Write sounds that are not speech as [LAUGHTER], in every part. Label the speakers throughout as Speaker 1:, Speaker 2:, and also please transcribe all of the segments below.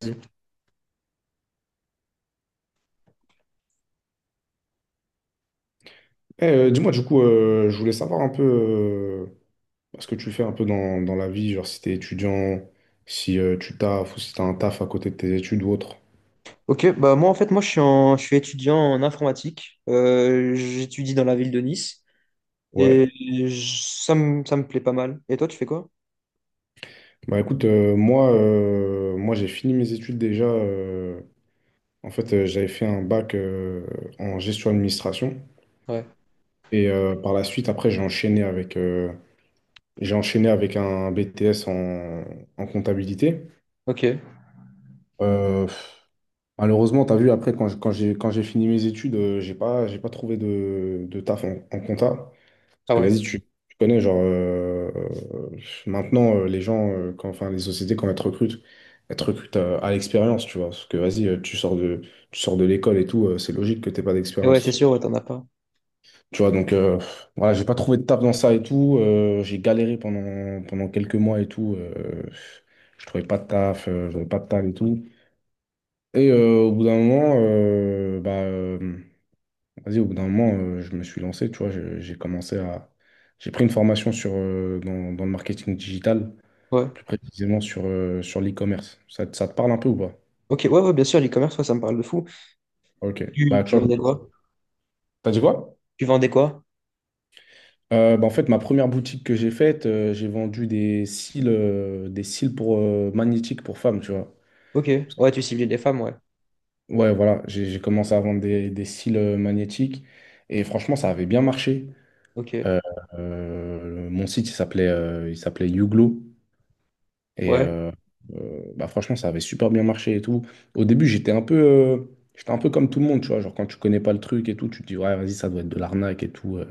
Speaker 1: Vas-y.
Speaker 2: Dis-moi, du coup, je voulais savoir un peu ce que tu fais un peu dans la vie, genre si t'es étudiant, si tu taffes ou si t'as un taf à côté de tes études ou autre.
Speaker 1: Ok, bah moi en fait moi je suis, en- je suis étudiant en informatique. J'étudie dans la ville de Nice et
Speaker 2: Ouais.
Speaker 1: ça me plaît pas mal. Et toi tu fais quoi?
Speaker 2: Bah écoute, moi j'ai fini mes études déjà. En fait, j'avais fait un bac en gestion administration
Speaker 1: Ouais,
Speaker 2: et par la suite, après, j'ai enchaîné avec un BTS en comptabilité.
Speaker 1: ok.
Speaker 2: Euh, Malheureusement, tu as vu, après, quand quand j'ai fini mes études, j'ai pas trouvé de taf en compta. Parce
Speaker 1: Ah
Speaker 2: que
Speaker 1: ouais.
Speaker 2: vas-y, tu connais, genre, euh, maintenant, les gens, enfin, les sociétés, quand elles te recrutent à l'expérience, tu vois. Parce que vas-y, tu sors de l'école et tout, c'est logique que t'aies pas
Speaker 1: Et ouais c'est
Speaker 2: d'expérience.
Speaker 1: sûr, ouais, t'en as pas.
Speaker 2: Tu vois, donc, voilà, j'ai pas trouvé de taf dans ça et tout. J'ai galéré pendant, pendant quelques mois et tout. Je trouvais pas de taf, j'avais pas de taf et tout. Et au bout d'un moment, vas-y, au bout d'un moment, je me suis lancé, tu vois, j'ai commencé à... J'ai pris une formation sur, dans le marketing digital,
Speaker 1: Ouais.
Speaker 2: plus précisément sur, sur l'e-commerce. Ça te parle un peu ou pas?
Speaker 1: Ok, ouais, ouais bien sûr, l'e-commerce, ouais, ça me parle de fou.
Speaker 2: Ok.
Speaker 1: Tu,
Speaker 2: Bah, tu
Speaker 1: tu
Speaker 2: vois,
Speaker 1: vendais quoi?
Speaker 2: t'as dit quoi?
Speaker 1: Tu vendais quoi?
Speaker 2: En fait, ma première boutique que j'ai faite, j'ai vendu des cils pour, magnétiques pour femmes, tu vois.
Speaker 1: Ok, ouais, tu ciblais les femmes, ouais.
Speaker 2: Ouais, voilà, j'ai commencé à vendre des cils magnétiques et franchement, ça avait bien marché.
Speaker 1: Ok,
Speaker 2: Euh, Mon site, il s'appelait Youglo. Et
Speaker 1: ouais.
Speaker 2: bah, franchement, ça avait super bien marché et tout. Au début, j'étais un peu comme tout le monde, tu vois. Genre, quand tu connais pas le truc et tout, tu te dis, ouais, vas-y, ça doit être de l'arnaque et tout.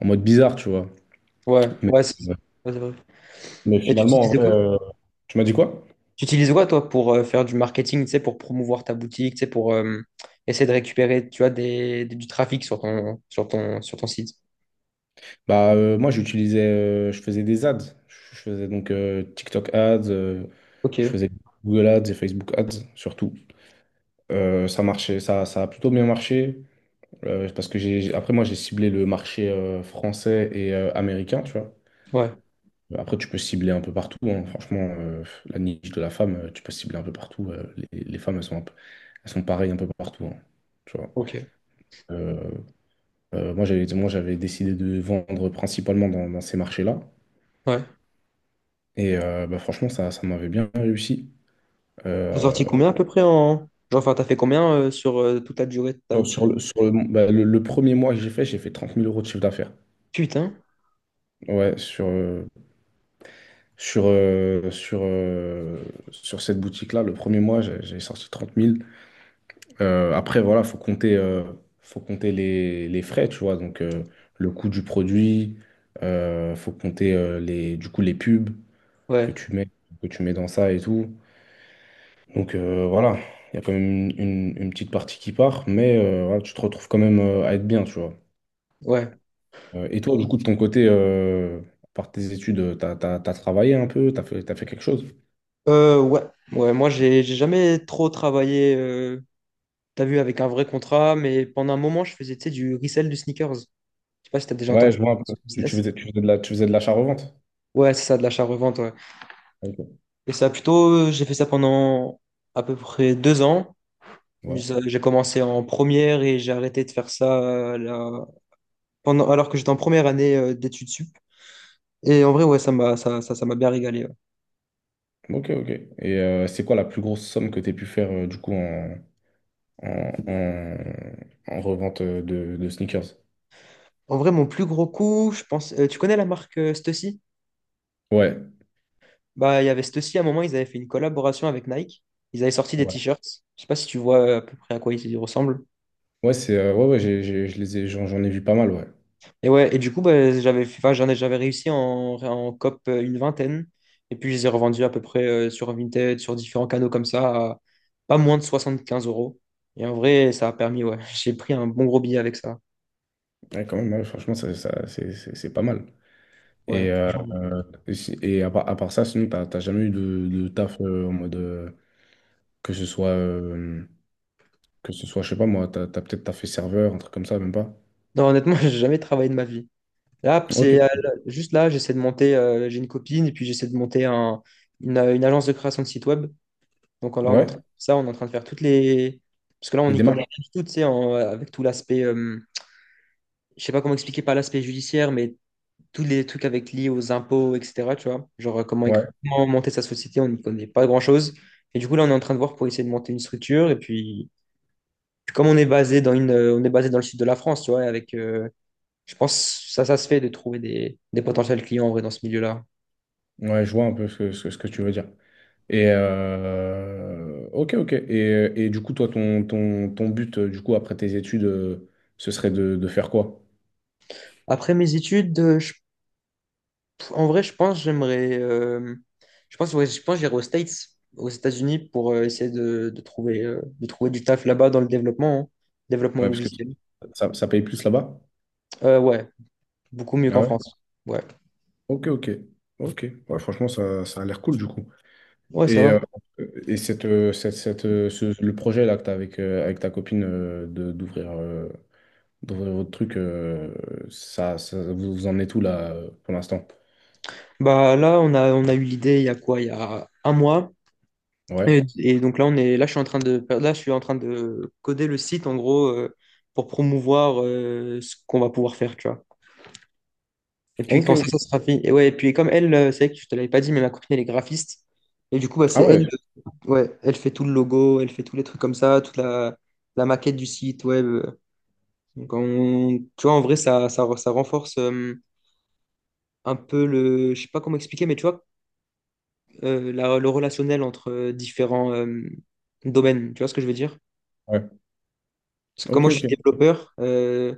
Speaker 2: En mode bizarre, tu vois.
Speaker 1: Ouais,
Speaker 2: Mais,
Speaker 1: ouais c'est
Speaker 2: euh,
Speaker 1: Ouais, c'est vrai.
Speaker 2: mais
Speaker 1: Et tu
Speaker 2: finalement, en
Speaker 1: utilisais
Speaker 2: vrai, tu m'as dit quoi?
Speaker 1: Tu utilises quoi, toi, pour faire du marketing, tu sais, pour promouvoir ta boutique, tu sais, pour essayer de récupérer, tu vois, du trafic sur ton site?
Speaker 2: Bah, moi, j'utilisais, je faisais des ads. Je faisais donc TikTok ads,
Speaker 1: Ok,
Speaker 2: je faisais Google ads et Facebook ads surtout. Ça marchait, ça a plutôt bien marché. Parce que j'ai, après, moi, j'ai ciblé le marché français et américain, tu vois.
Speaker 1: ouais,
Speaker 2: Après, tu peux cibler un peu partout, hein. Franchement, la niche de la femme, tu peux cibler un peu partout. Les femmes, elles sont pareilles un peu partout, hein, tu vois.
Speaker 1: ok,
Speaker 2: Euh, Moi, j'avais décidé de vendre principalement dans ces marchés-là.
Speaker 1: ouais.
Speaker 2: Et bah, franchement, ça m'avait bien réussi.
Speaker 1: T'as
Speaker 2: Euh,
Speaker 1: sorti combien à peu près en... Genre, enfin, t'as fait combien sur toute la durée de ta
Speaker 2: sur,
Speaker 1: boutique?
Speaker 2: sur le- bah, le- Le premier mois que j'ai fait 30 000 euros de chiffre d'affaires.
Speaker 1: Putain,
Speaker 2: Ouais, Sur, euh, sur, euh, sur cette boutique-là, le premier mois, j'ai sorti 30 000. Après, voilà, faut compter les frais, tu vois. Donc, le coût du produit, faut compter du coup, les pubs que
Speaker 1: ouais,
Speaker 2: tu mets, que tu mets dans ça et tout. Donc, voilà, il y a quand même une petite partie qui part, mais voilà, tu te retrouves quand même à être bien, tu vois.
Speaker 1: ouais.
Speaker 2: Et toi, du coup, de ton côté, à part tes études, t'as travaillé un peu, t'as fait quelque chose?
Speaker 1: Ouais, ouais, moi, j'ai jamais trop travaillé, t'as vu, avec un vrai contrat, mais pendant un moment, je faisais, tu sais, du resell de sneakers. Je sais pas si t'as déjà
Speaker 2: Ouais, je
Speaker 1: entendu
Speaker 2: vois un peu.
Speaker 1: ce business.
Speaker 2: Tu faisais tu faisais de l'achat-revente.
Speaker 1: Ouais, c'est ça, de l'achat-revente, ouais.
Speaker 2: Ok.
Speaker 1: Et ça, plutôt, j'ai fait ça pendant à peu près 2 ans.
Speaker 2: Ouais.
Speaker 1: J'ai commencé en première et j'ai arrêté de faire ça là, pendant, alors que j'étais en première année d'études sup. Et en vrai, ouais, ça m'a bien régalé, ouais.
Speaker 2: Ok, ok. Et c'est quoi la plus grosse somme que tu as pu faire du coup en, en- en revente de sneakers?
Speaker 1: En vrai, mon plus gros coup, je pense. Tu connais la marque Stussy?
Speaker 2: Ouais.
Speaker 1: Bah, il y avait Stussy, à un moment, ils avaient fait une collaboration avec Nike. Ils avaient sorti des
Speaker 2: Ouais,
Speaker 1: t-shirts. Je sais pas si tu vois à peu près à quoi ils ressemblent.
Speaker 2: ouais, c'est, ouais, ouais, je les ai, j'en ai vu pas mal, ouais.
Speaker 1: Et ouais, et du coup, bah, j'avais, enfin, j'en ai, j'avais réussi en COP, une vingtaine. Et puis, je les ai revendus à peu près sur Vinted, sur différents canaux comme ça, à pas moins de 75 euros. Et en vrai, ça a permis, ouais, [LAUGHS] j'ai pris un bon gros billet avec ça.
Speaker 2: Ouais, quand même, ouais, franchement, c'est pas mal.
Speaker 1: Ouais,
Speaker 2: Et,
Speaker 1: franchement.
Speaker 2: et à part ça, sinon, t'as jamais eu de taf en mode que ce soit, euh, que ce soit, je sais pas moi, t'as peut-être taffé serveur, un truc comme ça, même pas.
Speaker 1: Non, honnêtement, [LAUGHS] j'ai jamais travaillé de ma vie. Là,
Speaker 2: Ok.
Speaker 1: c'est Juste là, j'essaie de monter, j'ai une copine, et puis j'essaie de monter une agence de création de site web. Donc là, on est
Speaker 2: Ouais.
Speaker 1: en train de faire ça, on est en train de faire toutes les... Parce que là, on
Speaker 2: Des
Speaker 1: n'y connaît
Speaker 2: démarches.
Speaker 1: rien du tout, tu sais, avec tout l'aspect... je sais pas comment expliquer par l'aspect judiciaire, mais tous les trucs avec liés aux impôts, etc. Tu vois, genre
Speaker 2: Ouais.
Speaker 1: comment monter sa société, on n'y connaît pas grand-chose. Et du coup, là, on est en train de voir pour essayer de monter une structure. Et puis, puis comme on est basé on est basé dans le sud de la France, tu vois, et avec, je pense, ça se fait de trouver des potentiels clients en vrai dans ce milieu-là.
Speaker 2: Ouais, je vois un peu ce que, ce que tu veux dire. Et ok, ok. Toi, ton but, du coup, après tes études, ce serait de faire quoi?
Speaker 1: Après mes études, En vrai, je pense j'aimerais. Je pense, ouais, je pense j'irai aux States, aux États-Unis, pour essayer de trouver du taf là-bas dans le développement, hein. Développement
Speaker 2: Ouais, parce que
Speaker 1: logiciel.
Speaker 2: ça paye plus là-bas?
Speaker 1: Ouais, beaucoup mieux
Speaker 2: Ah
Speaker 1: qu'en
Speaker 2: ouais?
Speaker 1: France. Ouais,
Speaker 2: Ok, ok. Ok. Ouais, franchement, ça a l'air cool, du coup.
Speaker 1: ouais, ça
Speaker 2: Et,
Speaker 1: va.
Speaker 2: le projet là que tu as avec, avec ta copine d'ouvrir d'ouvrir votre truc, vous en êtes où là pour l'instant?
Speaker 1: Bah là, on a eu l'idée il y a quoi? Il y a un mois.
Speaker 2: Ouais.
Speaker 1: Et donc là, on est, là, je suis en train de, là, je suis en train de coder le site en gros, pour promouvoir ce qu'on va pouvoir faire, tu vois. Et puis
Speaker 2: Ok,
Speaker 1: quand ça,
Speaker 2: ok.
Speaker 1: ça sera fini. Et ouais, et puis comme elle, c'est vrai que je te l'avais pas dit, mais ma copine, elle est graphiste. Et du coup, bah, c'est
Speaker 2: Ah
Speaker 1: elle,
Speaker 2: ouais.
Speaker 1: euh, ouais, elle fait tout le logo, elle fait tous les trucs comme ça, la maquette du site web. Tu vois, en vrai, ça renforce un peu le, je sais pas comment expliquer, mais tu vois, le relationnel entre différents domaines. Tu vois ce que je veux dire?
Speaker 2: Ouais.
Speaker 1: Parce que comme
Speaker 2: Ok,
Speaker 1: moi, je suis
Speaker 2: ok.
Speaker 1: développeur,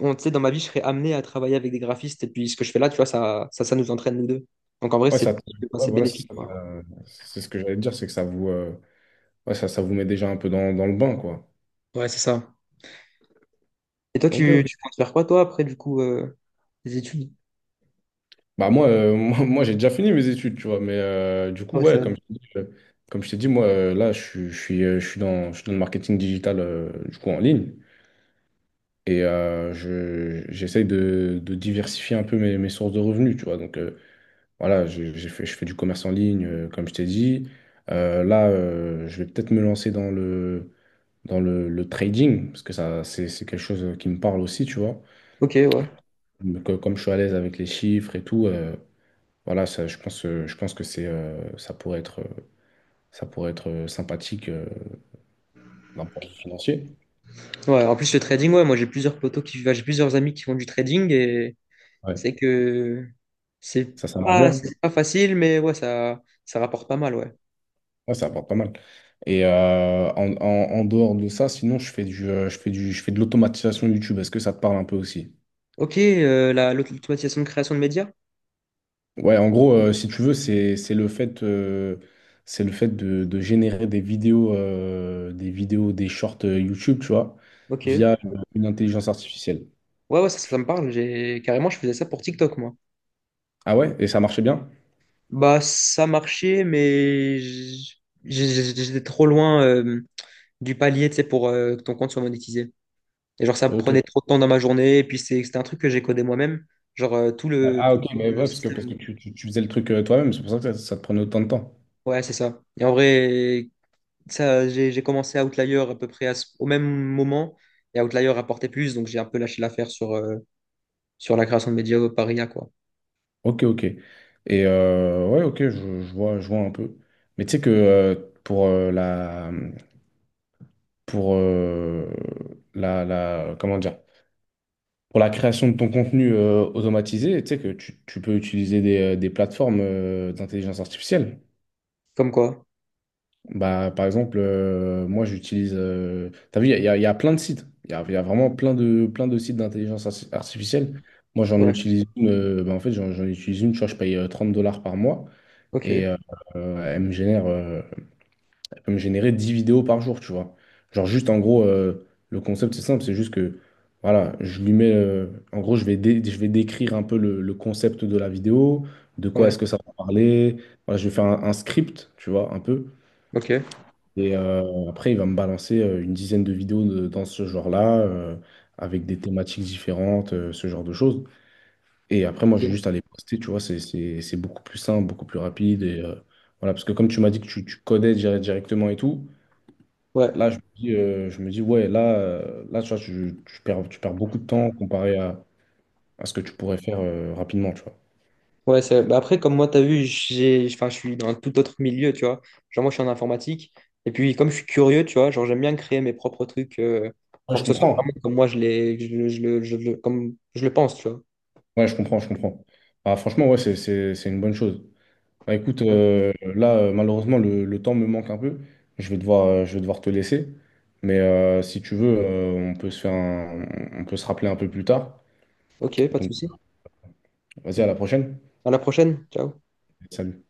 Speaker 1: on, tu sais, dans ma vie, je serais amené à travailler avec des graphistes. Et puis ce que je fais là, tu vois, ça nous entraîne nous deux. Donc en vrai,
Speaker 2: Ouais,
Speaker 1: c'est enfin,
Speaker 2: ouais,
Speaker 1: c'est
Speaker 2: voilà, c'est
Speaker 1: bénéfique,
Speaker 2: ça,
Speaker 1: quoi.
Speaker 2: c'est ce que j'allais te dire, c'est que ça vous, ouais, ça vous met déjà un peu dans le bain, quoi.
Speaker 1: Ouais, c'est ça. Et toi,
Speaker 2: Ok, ok.
Speaker 1: tu comptes faire quoi, toi, après, du coup, les études?
Speaker 2: Bah moi, [LAUGHS] moi, j'ai déjà fini mes études, tu vois, mais du coup,
Speaker 1: Ouais, c'est
Speaker 2: ouais,
Speaker 1: vrai.
Speaker 2: comme je t'ai dit, comme je t'ai dit, moi, là, je suis dans le marketing digital, du coup, en ligne, et j'essaye de diversifier un peu mes, mes sources de revenus, tu vois. Donc, voilà, je fais du commerce en ligne, comme je t'ai dit. Je vais peut-être me lancer dans le dans le trading, parce que ça, c'est quelque chose qui me parle aussi, tu vois.
Speaker 1: Ok, ouais.
Speaker 2: Donc, comme je suis à l'aise avec les chiffres et tout, voilà, ça, je pense que ça pourrait être sympathique d'un point de vue financier.
Speaker 1: Ouais, en plus, le trading, ouais, moi, j'ai plusieurs amis qui font du trading et
Speaker 2: Ouais.
Speaker 1: c'est que c'est
Speaker 2: Ça marche bien.
Speaker 1: c'est pas facile, mais ouais, ça rapporte pas mal, ouais.
Speaker 2: Ouais, ça apporte pas mal. Et en dehors de ça, sinon, je fais du, je fais de l'automatisation YouTube. Est-ce que ça te parle un peu aussi?
Speaker 1: Ok, l'automatisation de création de médias?
Speaker 2: Ouais, en gros, si tu veux, c'est le fait de générer des vidéos, des shorts YouTube, tu vois,
Speaker 1: Ok.
Speaker 2: via une intelligence artificielle.
Speaker 1: Ouais, ça, ça me parle. J'ai, carrément, je faisais ça pour TikTok, moi.
Speaker 2: Ah ouais? Et ça marchait bien?
Speaker 1: Bah, ça marchait, mais j'étais trop loin, du palier, tu sais, pour, que ton compte soit monétisé. Et genre, ça me
Speaker 2: Ok.
Speaker 1: prenait trop de temps dans ma journée. Et puis, c'était un truc que j'ai codé moi-même. Genre,
Speaker 2: Ah
Speaker 1: tout
Speaker 2: ok, mais
Speaker 1: le
Speaker 2: ouais, parce que
Speaker 1: système.
Speaker 2: tu faisais le truc toi-même, c'est pour ça que ça te prenait autant de temps.
Speaker 1: Ouais, c'est ça. Et en vrai, ça, j'ai commencé Outlier à peu près à au même moment. Et Outlier rapportait plus. Donc, j'ai un peu lâché l'affaire sur, sur la création de médias par IA, quoi.
Speaker 2: Ok, ok. Et ouais, ok, je vois un peu. Mais tu sais que pour euh, la, pour comment dire? Pour la création de ton contenu automatisé, tu sais que tu peux utiliser des plateformes d'intelligence artificielle.
Speaker 1: Comme quoi.
Speaker 2: Bah, par exemple, moi j'utilise. T'as vu, il y a plein de sites. Il y a vraiment plein de sites d'intelligence artificielle. Moi j'en
Speaker 1: Ouais.
Speaker 2: utilise une. En fait, j'en utilise une. Tu vois, je paye 30 € par mois et
Speaker 1: Ok.
Speaker 2: elle me génère. Peut me générer 10 vidéos par jour, tu vois. Genre juste en gros, le concept c'est simple, c'est juste que voilà, je lui mets, en gros, je vais décrire un peu le concept de la vidéo, de quoi est-ce
Speaker 1: Ouais.
Speaker 2: que ça va parler. Voilà, je vais faire un script, tu vois, un peu.
Speaker 1: Ok.
Speaker 2: Et après, il va me balancer une dizaine dans ce genre-là, avec des thématiques différentes, ce genre de choses. Et après, moi, j'ai
Speaker 1: Ok.
Speaker 2: juste à les poster, tu vois, c'est beaucoup plus simple, beaucoup plus rapide. Et, voilà, parce que comme tu m'as dit que tu codais directement et tout,
Speaker 1: Ouais.
Speaker 2: là, je me dis ouais, là, là, tu vois, tu perds beaucoup de temps comparé à ce que tu pourrais faire rapidement, tu vois.
Speaker 1: Ouais, c'est... bah après, comme moi, t'as vu, j'ai... enfin, je suis dans un tout autre milieu, tu vois. Genre, moi, je suis en informatique. Et puis, comme je suis curieux, tu vois, genre, j'aime bien créer mes propres trucs,
Speaker 2: Ouais,
Speaker 1: pour
Speaker 2: je
Speaker 1: que ce soit
Speaker 2: comprends.
Speaker 1: vraiment comme moi, je comme je le pense, tu vois.
Speaker 2: Ouais, je comprends, je comprends. Ah, franchement, ouais, c'est une bonne chose. Bah, écoute,
Speaker 1: Ouais.
Speaker 2: malheureusement, le temps me manque un peu. Je vais devoir te laisser. Mais si tu veux, on peut se faire un- on peut se rappeler un peu plus tard.
Speaker 1: Ok, pas de
Speaker 2: Donc,
Speaker 1: souci.
Speaker 2: vas-y, à la prochaine.
Speaker 1: À la prochaine. Ciao.
Speaker 2: Salut.